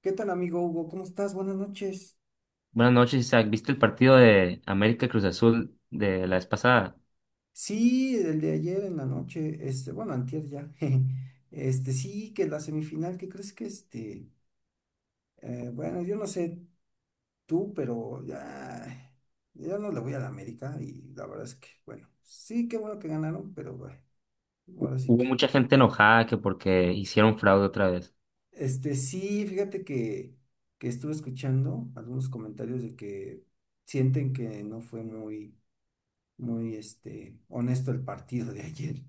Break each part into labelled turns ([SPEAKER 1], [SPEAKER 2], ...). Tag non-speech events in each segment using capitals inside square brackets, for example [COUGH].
[SPEAKER 1] ¿Qué tal, amigo Hugo? ¿Cómo estás? Buenas noches.
[SPEAKER 2] Buenas noches, Isaac. ¿Viste el partido de América Cruz Azul de la vez pasada?
[SPEAKER 1] Sí, el de ayer en la noche, bueno, antier ya. [LAUGHS] jeje. Sí, que la semifinal, ¿qué crees que este? Bueno, yo no sé tú, pero ya, yo no le voy a la América y la verdad es que, bueno, sí, qué bueno que ganaron, pero bueno, ahora sí
[SPEAKER 2] Hubo
[SPEAKER 1] que.
[SPEAKER 2] mucha gente enojada que porque hicieron fraude otra vez.
[SPEAKER 1] Sí, fíjate que estuve escuchando algunos comentarios de que sienten que no fue muy, muy, honesto el partido de ayer.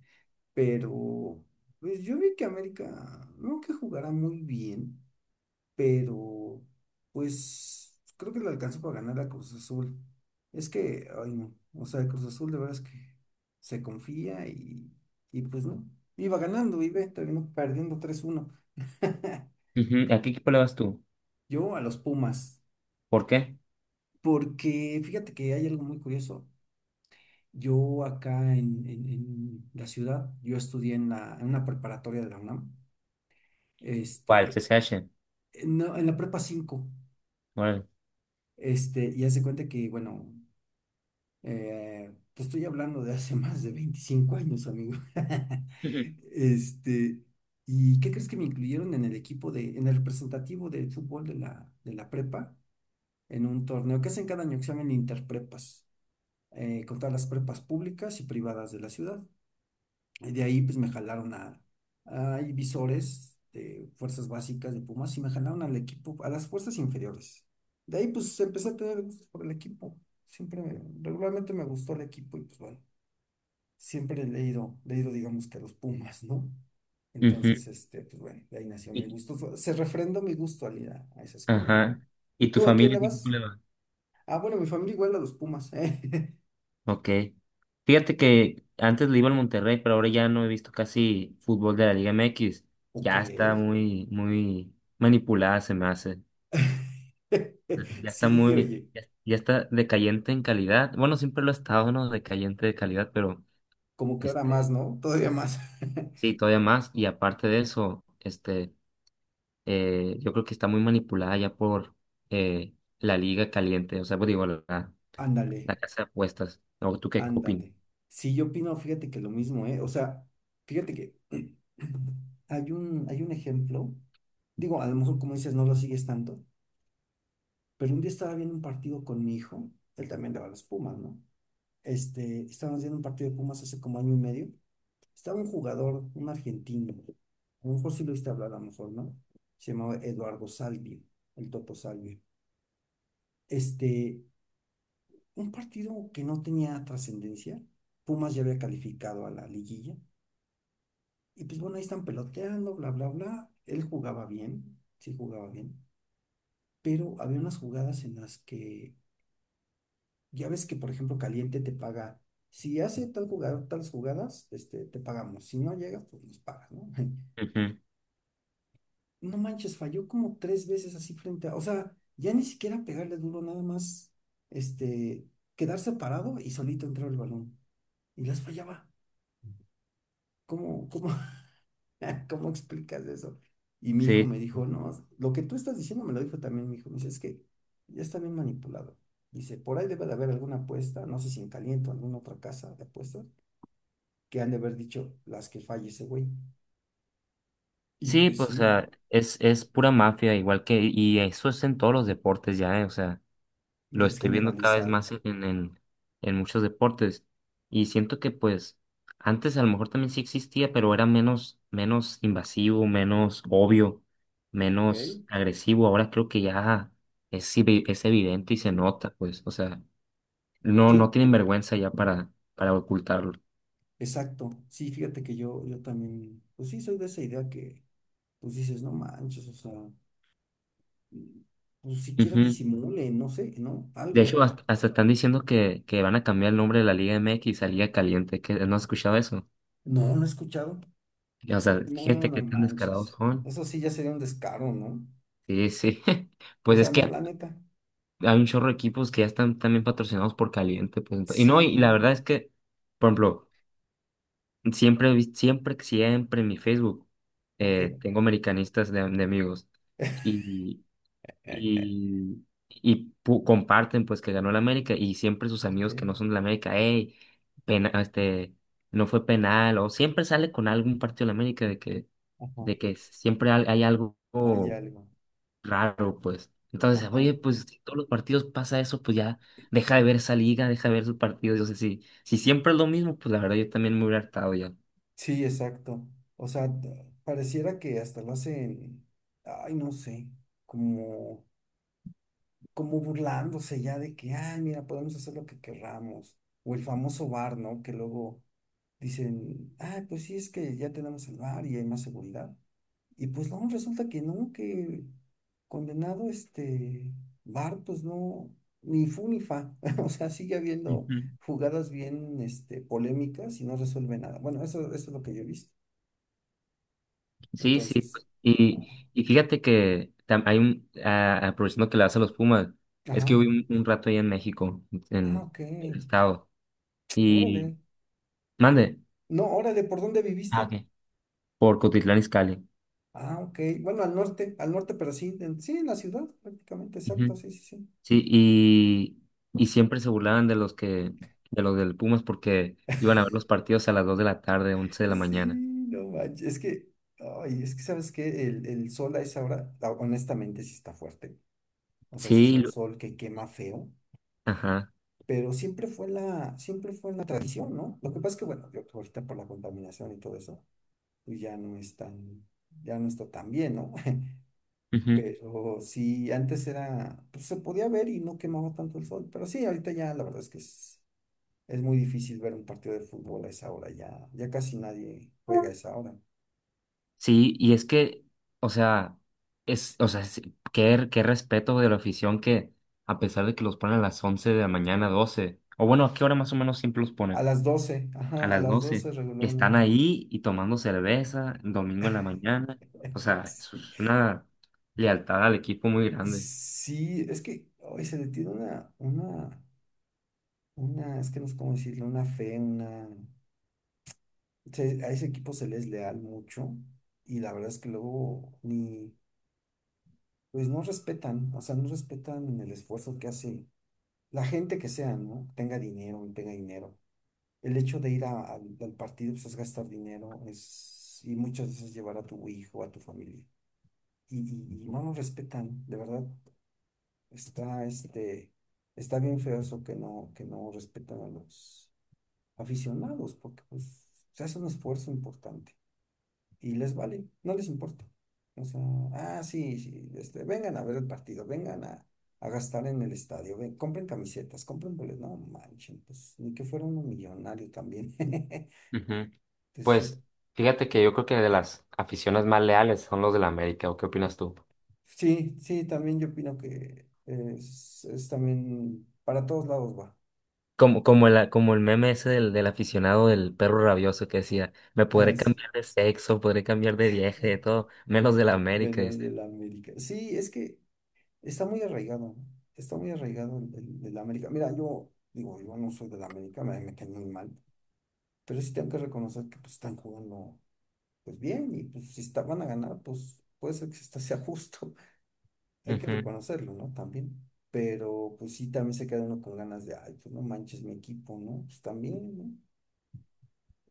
[SPEAKER 1] Pero pues yo vi que América no que jugará muy bien, pero pues creo que le alcanzó para ganar a Cruz Azul. Es que, ay no, o sea, Cruz Azul de verdad es que se confía y pues no, iba ganando terminó perdiendo 3-1. [LAUGHS]
[SPEAKER 2] Ujú. ¿A qué equipo le vas tú?
[SPEAKER 1] Yo a los Pumas,
[SPEAKER 2] ¿Por qué?
[SPEAKER 1] porque fíjate que hay algo muy curioso. Yo acá en la ciudad, yo estudié en, la, en una preparatoria de la UNAM.
[SPEAKER 2] ¿Cuál?
[SPEAKER 1] este,
[SPEAKER 2] CCH.
[SPEAKER 1] No, en la prepa 5,
[SPEAKER 2] Órale.
[SPEAKER 1] y hace cuenta que, bueno, te estoy hablando de hace [LAUGHS] más de 25 años, amigo. [LAUGHS]
[SPEAKER 2] Ujú.
[SPEAKER 1] Este, ¿y qué crees que me incluyeron en el equipo de, en el representativo de fútbol de la prepa? En un torneo que hacen cada año, que se llaman Interprepas, con todas las prepas públicas y privadas de la ciudad. Y de ahí pues me jalaron a Divisores de fuerzas básicas de Pumas y me jalaron al equipo, a las fuerzas inferiores. De ahí pues empecé a tener gusto por el equipo. Siempre, regularmente me gustó el equipo y pues bueno, siempre le he ido digamos que a los Pumas, ¿no?
[SPEAKER 2] Ujú.
[SPEAKER 1] Entonces, pues bueno, de ahí nació mi
[SPEAKER 2] Y-
[SPEAKER 1] gusto. Se refrendó mi gusto al ir a esa escuela, ¿no?
[SPEAKER 2] Ajá. ¿Y tu
[SPEAKER 1] ¿Tú a quién
[SPEAKER 2] familia
[SPEAKER 1] le
[SPEAKER 2] qué equipo
[SPEAKER 1] vas?
[SPEAKER 2] le va?
[SPEAKER 1] Ah, bueno, mi familia igual a los Pumas, [LAUGHS] ¿eh?
[SPEAKER 2] Ok. Fíjate que antes le iba al Monterrey, pero ahora ya no he visto casi fútbol de la Liga MX.
[SPEAKER 1] Ok.
[SPEAKER 2] Ya está muy, muy manipulada, se me hace.
[SPEAKER 1] [LAUGHS]
[SPEAKER 2] Ya está
[SPEAKER 1] Sí,
[SPEAKER 2] muy,
[SPEAKER 1] oye.
[SPEAKER 2] ya, ya está decayente en calidad. Bueno, siempre lo ha estado, ¿no? Decayente de calidad, pero
[SPEAKER 1] Como que ahora más,
[SPEAKER 2] este,
[SPEAKER 1] ¿no? Todavía más. [LAUGHS]
[SPEAKER 2] sí, todavía más. Y aparte de eso, yo creo que está muy manipulada ya por eh, la liga caliente, o sea, pues digo, la,
[SPEAKER 1] Ándale,
[SPEAKER 2] la casa de apuestas. ¿O tú qué opinas?
[SPEAKER 1] ándale. Sí, yo opino, fíjate que lo mismo, ¿eh? O sea, fíjate que [CLEARS THROAT] hay un ejemplo, digo, a lo mejor como dices, no lo sigues tanto, pero un día estaba viendo un partido con mi hijo, él también le va a los Pumas, ¿no? Estábamos viendo un partido de Pumas hace como año y medio, estaba un jugador, un argentino, a lo mejor sí lo viste hablar, a lo mejor, ¿no? Se llamaba Eduardo Salvio, el Toto Salvio. Este, un partido que no tenía trascendencia. Pumas ya había calificado a la liguilla. Y pues bueno, ahí están peloteando, bla, bla, bla. Él jugaba bien, sí jugaba bien. Pero había unas jugadas en las que ya ves que, por ejemplo, Caliente te paga. Si hace tal jugador, tales jugadas, te pagamos. Si no llegas, pues nos pagas, ¿no? [LAUGHS]
[SPEAKER 2] Ujú.
[SPEAKER 1] No manches, falló como tres veces así frente a. O sea, ya ni siquiera pegarle duro, nada más este, quedarse parado y solito entrar el balón. Y las fallaba. ¿Cómo, cómo, [LAUGHS] ¿Cómo explicas eso? Y mi hijo
[SPEAKER 2] Sí,
[SPEAKER 1] me dijo, no, lo que tú estás diciendo me lo dijo también mi hijo. Me dice, es que ya está bien manipulado. Dice, por ahí debe de haber alguna apuesta, no sé si en Caliente o alguna otra casa de apuestas, que han de haber dicho las que falle ese güey. Y
[SPEAKER 2] sí,
[SPEAKER 1] pues
[SPEAKER 2] pues, o
[SPEAKER 1] sí,
[SPEAKER 2] sea, es pura mafia, igual que, y eso es en todos los deportes ya, ¿eh? O sea, lo
[SPEAKER 1] ya es
[SPEAKER 2] estoy viendo cada vez
[SPEAKER 1] generalizado.
[SPEAKER 2] más en, muchos deportes y siento que pues antes a lo mejor también sí existía, pero era menos invasivo, menos obvio,
[SPEAKER 1] Ok.
[SPEAKER 2] menos agresivo. Ahora creo que ya es evidente y se nota, pues, o sea, no
[SPEAKER 1] Sí,
[SPEAKER 2] tienen vergüenza ya para ocultarlo.
[SPEAKER 1] exacto. Sí, fíjate que yo también, pues sí, soy de esa idea que, pues dices, no manches, o sea, mm, pues siquiera
[SPEAKER 2] Ujú.
[SPEAKER 1] disimule, no sé, ¿no?
[SPEAKER 2] De
[SPEAKER 1] Algo.
[SPEAKER 2] hecho, hasta están diciendo que van a cambiar el nombre de la Liga MX a Liga Caliente, que no has escuchado eso.
[SPEAKER 1] No, no he escuchado.
[SPEAKER 2] O sea,
[SPEAKER 1] No,
[SPEAKER 2] gente
[SPEAKER 1] no
[SPEAKER 2] que tan descarados
[SPEAKER 1] manches.
[SPEAKER 2] son.
[SPEAKER 1] Eso sí ya sería un descaro, ¿no?
[SPEAKER 2] Sí, sí. [LAUGHS]
[SPEAKER 1] O
[SPEAKER 2] Pues es
[SPEAKER 1] sea, no,
[SPEAKER 2] que
[SPEAKER 1] la neta.
[SPEAKER 2] hay un chorro de equipos que ya están también patrocinados por Caliente, pues, y no, y la
[SPEAKER 1] Sí,
[SPEAKER 2] verdad es que, por ejemplo, siempre, he vis- siempre, siempre en mi Facebook
[SPEAKER 1] ok.
[SPEAKER 2] tengo americanistas de amigos
[SPEAKER 1] [LAUGHS]
[SPEAKER 2] y, y comparten pues que ganó la América y siempre sus
[SPEAKER 1] Ok,
[SPEAKER 2] amigos que no son de la América, hey, pena, no fue penal, o siempre sale con algún partido de la América de que,
[SPEAKER 1] ajá.
[SPEAKER 2] de que, siempre hay algo
[SPEAKER 1] Hay algo.
[SPEAKER 2] raro, pues. Entonces,
[SPEAKER 1] Ajá.
[SPEAKER 2] oye, pues si todos los partidos pasa eso, pues ya deja de ver esa liga, deja de ver sus partidos. Yo sé, si siempre es lo mismo, pues la verdad yo también me hubiera hartado ya.
[SPEAKER 1] Sí, exacto. O sea, pareciera que hasta lo hacen, ay, no sé, como, como burlándose ya de que, ay, mira, podemos hacer lo que querramos. O el famoso bar, ¿no? Que luego dicen, ay, pues sí, es que ya tenemos el bar y hay más seguridad. Y pues no, resulta que no, que condenado este Bart, pues no, ni fu ni fa. [LAUGHS] O sea, sigue habiendo
[SPEAKER 2] Ujú.
[SPEAKER 1] jugadas bien polémicas y no resuelve nada. Bueno, eso es lo que yo he visto.
[SPEAKER 2] Sí, sí.
[SPEAKER 1] Entonces,
[SPEAKER 2] Pues,
[SPEAKER 1] ah,
[SPEAKER 2] y fíjate que aprovechando que le das a los Pumas, es
[SPEAKER 1] ajá.
[SPEAKER 2] que hubo un, rato ahí en México,
[SPEAKER 1] Ah,
[SPEAKER 2] en
[SPEAKER 1] ok.
[SPEAKER 2] el estado, y
[SPEAKER 1] Órale.
[SPEAKER 2] mande.
[SPEAKER 1] No, órale, ¿por dónde
[SPEAKER 2] Ah,
[SPEAKER 1] viviste?
[SPEAKER 2] ok. Por Cotitlán Izcalli.
[SPEAKER 1] Ah, ok. Bueno, al norte, pero sí, en, sí, en la ciudad, prácticamente, exacto, sí, sí, sí.
[SPEAKER 2] Sí, y siempre se burlaban de de los del Pumas porque iban a ver los partidos a las 2 de la tarde, 11 de la
[SPEAKER 1] Sí,
[SPEAKER 2] mañana.
[SPEAKER 1] no manches. Es que, ay, es que sabes que el sol a esa hora, honestamente, sí está fuerte. O sea, sí es
[SPEAKER 2] Sí,
[SPEAKER 1] un sol que quema feo,
[SPEAKER 2] ajá.
[SPEAKER 1] pero siempre fue la tradición, ¿no? Lo que pasa es que, bueno, yo ahorita por la contaminación y todo eso, pues ya no es tan, ya no está tan bien, ¿no? [LAUGHS]
[SPEAKER 2] Ujú.
[SPEAKER 1] Pero sí, antes era, pues se podía ver y no quemaba tanto el sol. Pero sí, ahorita ya la verdad es que es, muy difícil ver un partido de fútbol a esa hora, ya casi nadie juega a esa hora.
[SPEAKER 2] Sí, y es que, o sea, o sea, qué respeto de la afición que, a pesar de que los ponen a las 11 de la mañana, 12 o bueno, ¿a qué hora más o menos siempre los
[SPEAKER 1] A
[SPEAKER 2] ponen?
[SPEAKER 1] las 12,
[SPEAKER 2] A
[SPEAKER 1] ajá, a
[SPEAKER 2] las
[SPEAKER 1] las
[SPEAKER 2] 12
[SPEAKER 1] 12
[SPEAKER 2] están
[SPEAKER 1] regularmente.
[SPEAKER 2] ahí y tomando cerveza, domingo en la mañana. O
[SPEAKER 1] [LAUGHS]
[SPEAKER 2] sea, eso
[SPEAKER 1] Sí,
[SPEAKER 2] es una lealtad al equipo muy grande.
[SPEAKER 1] sí, es que hoy se le tiene una, es que no sé cómo decirlo, una fe, una... a ese equipo se les leal mucho y la verdad es que luego ni, pues no respetan, o sea, no respetan el esfuerzo que hace la gente que sea, ¿no? Tenga dinero, no tenga dinero. El hecho de ir al partido, pues es gastar dinero, es, y muchas veces llevar a tu hijo, a tu familia y no nos respetan, de verdad. Está, está bien feo eso que no respetan a los aficionados, porque pues se hace un esfuerzo importante y les vale, no les importa. O sea, ah, sí, sí, vengan a ver el partido, vengan a gastar en el estadio, ven, compren camisetas, compren boletos, no manchen, pues ni que fuera uno millonario también. [LAUGHS] Entonces
[SPEAKER 2] Ujú.
[SPEAKER 1] sí,
[SPEAKER 2] Pues fíjate que yo creo que de las aficiones más leales son los del América, ¿o qué opinas tú?
[SPEAKER 1] sí, sí, también yo opino que es también para todos lados va.
[SPEAKER 2] Como el meme ese del aficionado del perro rabioso que decía, me
[SPEAKER 1] Ah,
[SPEAKER 2] podré
[SPEAKER 1] sí.
[SPEAKER 2] cambiar de sexo, podré cambiar de viaje, de
[SPEAKER 1] [LAUGHS]
[SPEAKER 2] todo, menos de la América, dice.
[SPEAKER 1] Venus del América. Sí, es que está muy arraigado, ¿no? Está muy arraigado del América. Mira, yo digo, yo no soy del América, me cae muy mal, pero sí tengo que reconocer que pues están jugando pues bien y pues si está, van a ganar, pues puede ser que hasta sea justo, [LAUGHS] hay que
[SPEAKER 2] Ujú.
[SPEAKER 1] reconocerlo, ¿no? También. Pero pues sí, también se queda uno con ganas de, ay, pues no manches mi equipo, ¿no? Pues también, ¿no?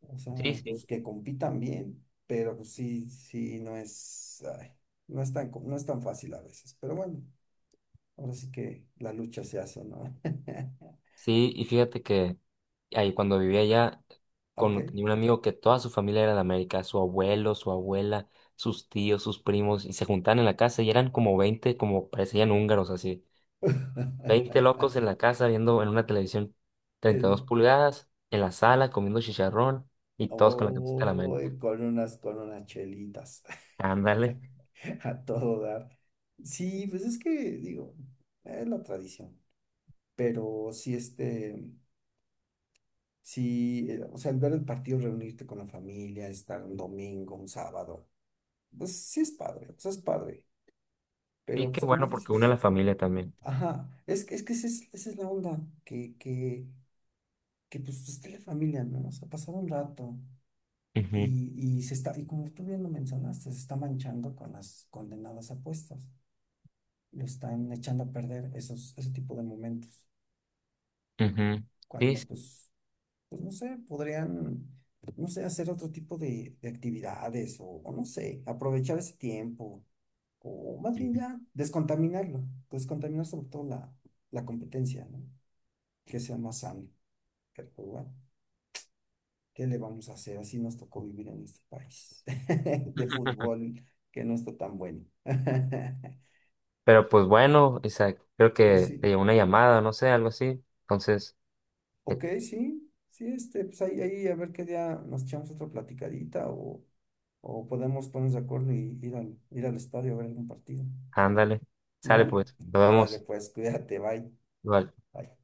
[SPEAKER 1] O
[SPEAKER 2] Sí,
[SPEAKER 1] sea,
[SPEAKER 2] sí.
[SPEAKER 1] pues que compitan bien, pero pues sí, sí, no es, ay, no es tan, no es tan fácil a veces, pero bueno. Ahora sí que la lucha se hace, ¿no? [LAUGHS]
[SPEAKER 2] Sí, y fíjate que ahí cuando vivía allá,
[SPEAKER 1] Ok.
[SPEAKER 2] tenía un amigo que toda su familia era de América, su abuelo, su abuela, sus tíos, sus primos, y se juntaban en la casa y eran como 20, como parecían húngaros así. 20
[SPEAKER 1] [LAUGHS]
[SPEAKER 2] locos en la casa viendo en una televisión 32
[SPEAKER 1] En-
[SPEAKER 2] pulgadas, en la sala comiendo chicharrón y todos con la camiseta de la
[SPEAKER 1] oh,
[SPEAKER 2] América.
[SPEAKER 1] con unas chelitas
[SPEAKER 2] Ándale.
[SPEAKER 1] [LAUGHS] a todo dar. Sí, pues es que, digo, es la tradición. Pero sí, sí, o sea, el ver el partido, reunirte con la familia, estar un domingo, un sábado, pues sí es padre, o sea, es padre. Pero
[SPEAKER 2] Sí,
[SPEAKER 1] pues
[SPEAKER 2] qué
[SPEAKER 1] como
[SPEAKER 2] bueno porque une a
[SPEAKER 1] dices,
[SPEAKER 2] la familia también.
[SPEAKER 1] ajá, es, es que esa es la onda, que, que que pues esté la familia, ¿no? O sea, pasar un rato
[SPEAKER 2] Ujú,
[SPEAKER 1] y se está, y como tú bien lo mencionaste, se está manchando con las condenadas apuestas, lo están echando a perder esos, ese tipo de momentos,
[SPEAKER 2] ujú. Sí,
[SPEAKER 1] cuando
[SPEAKER 2] sí.
[SPEAKER 1] pues, pues no sé, podrían, no sé, hacer otro tipo de actividades o no sé, aprovechar ese tiempo, o más bien
[SPEAKER 2] Ujú.
[SPEAKER 1] ya, descontaminarlo, descontaminar sobre todo la, competencia, ¿no? Que sea más sano, pero pues, bueno. ¿Qué le vamos a hacer? Así nos tocó vivir en este país [LAUGHS] de
[SPEAKER 2] [LAUGHS]
[SPEAKER 1] fútbol que no está tan bueno. [LAUGHS]
[SPEAKER 2] Pero pues bueno, Isaac, creo
[SPEAKER 1] Pero
[SPEAKER 2] que te
[SPEAKER 1] sí,
[SPEAKER 2] llegó una llamada, no sé, algo así. Entonces, eh,
[SPEAKER 1] ok, sí, sí, pues ahí, ahí a ver qué día nos echamos otra platicadita o podemos ponernos de acuerdo y ir al estadio a ver algún partido.
[SPEAKER 2] ándale, sale
[SPEAKER 1] ¿No?
[SPEAKER 2] pues, nos
[SPEAKER 1] Órale,
[SPEAKER 2] vemos.
[SPEAKER 1] pues, cuídate, bye.
[SPEAKER 2] Bye.
[SPEAKER 1] Bye.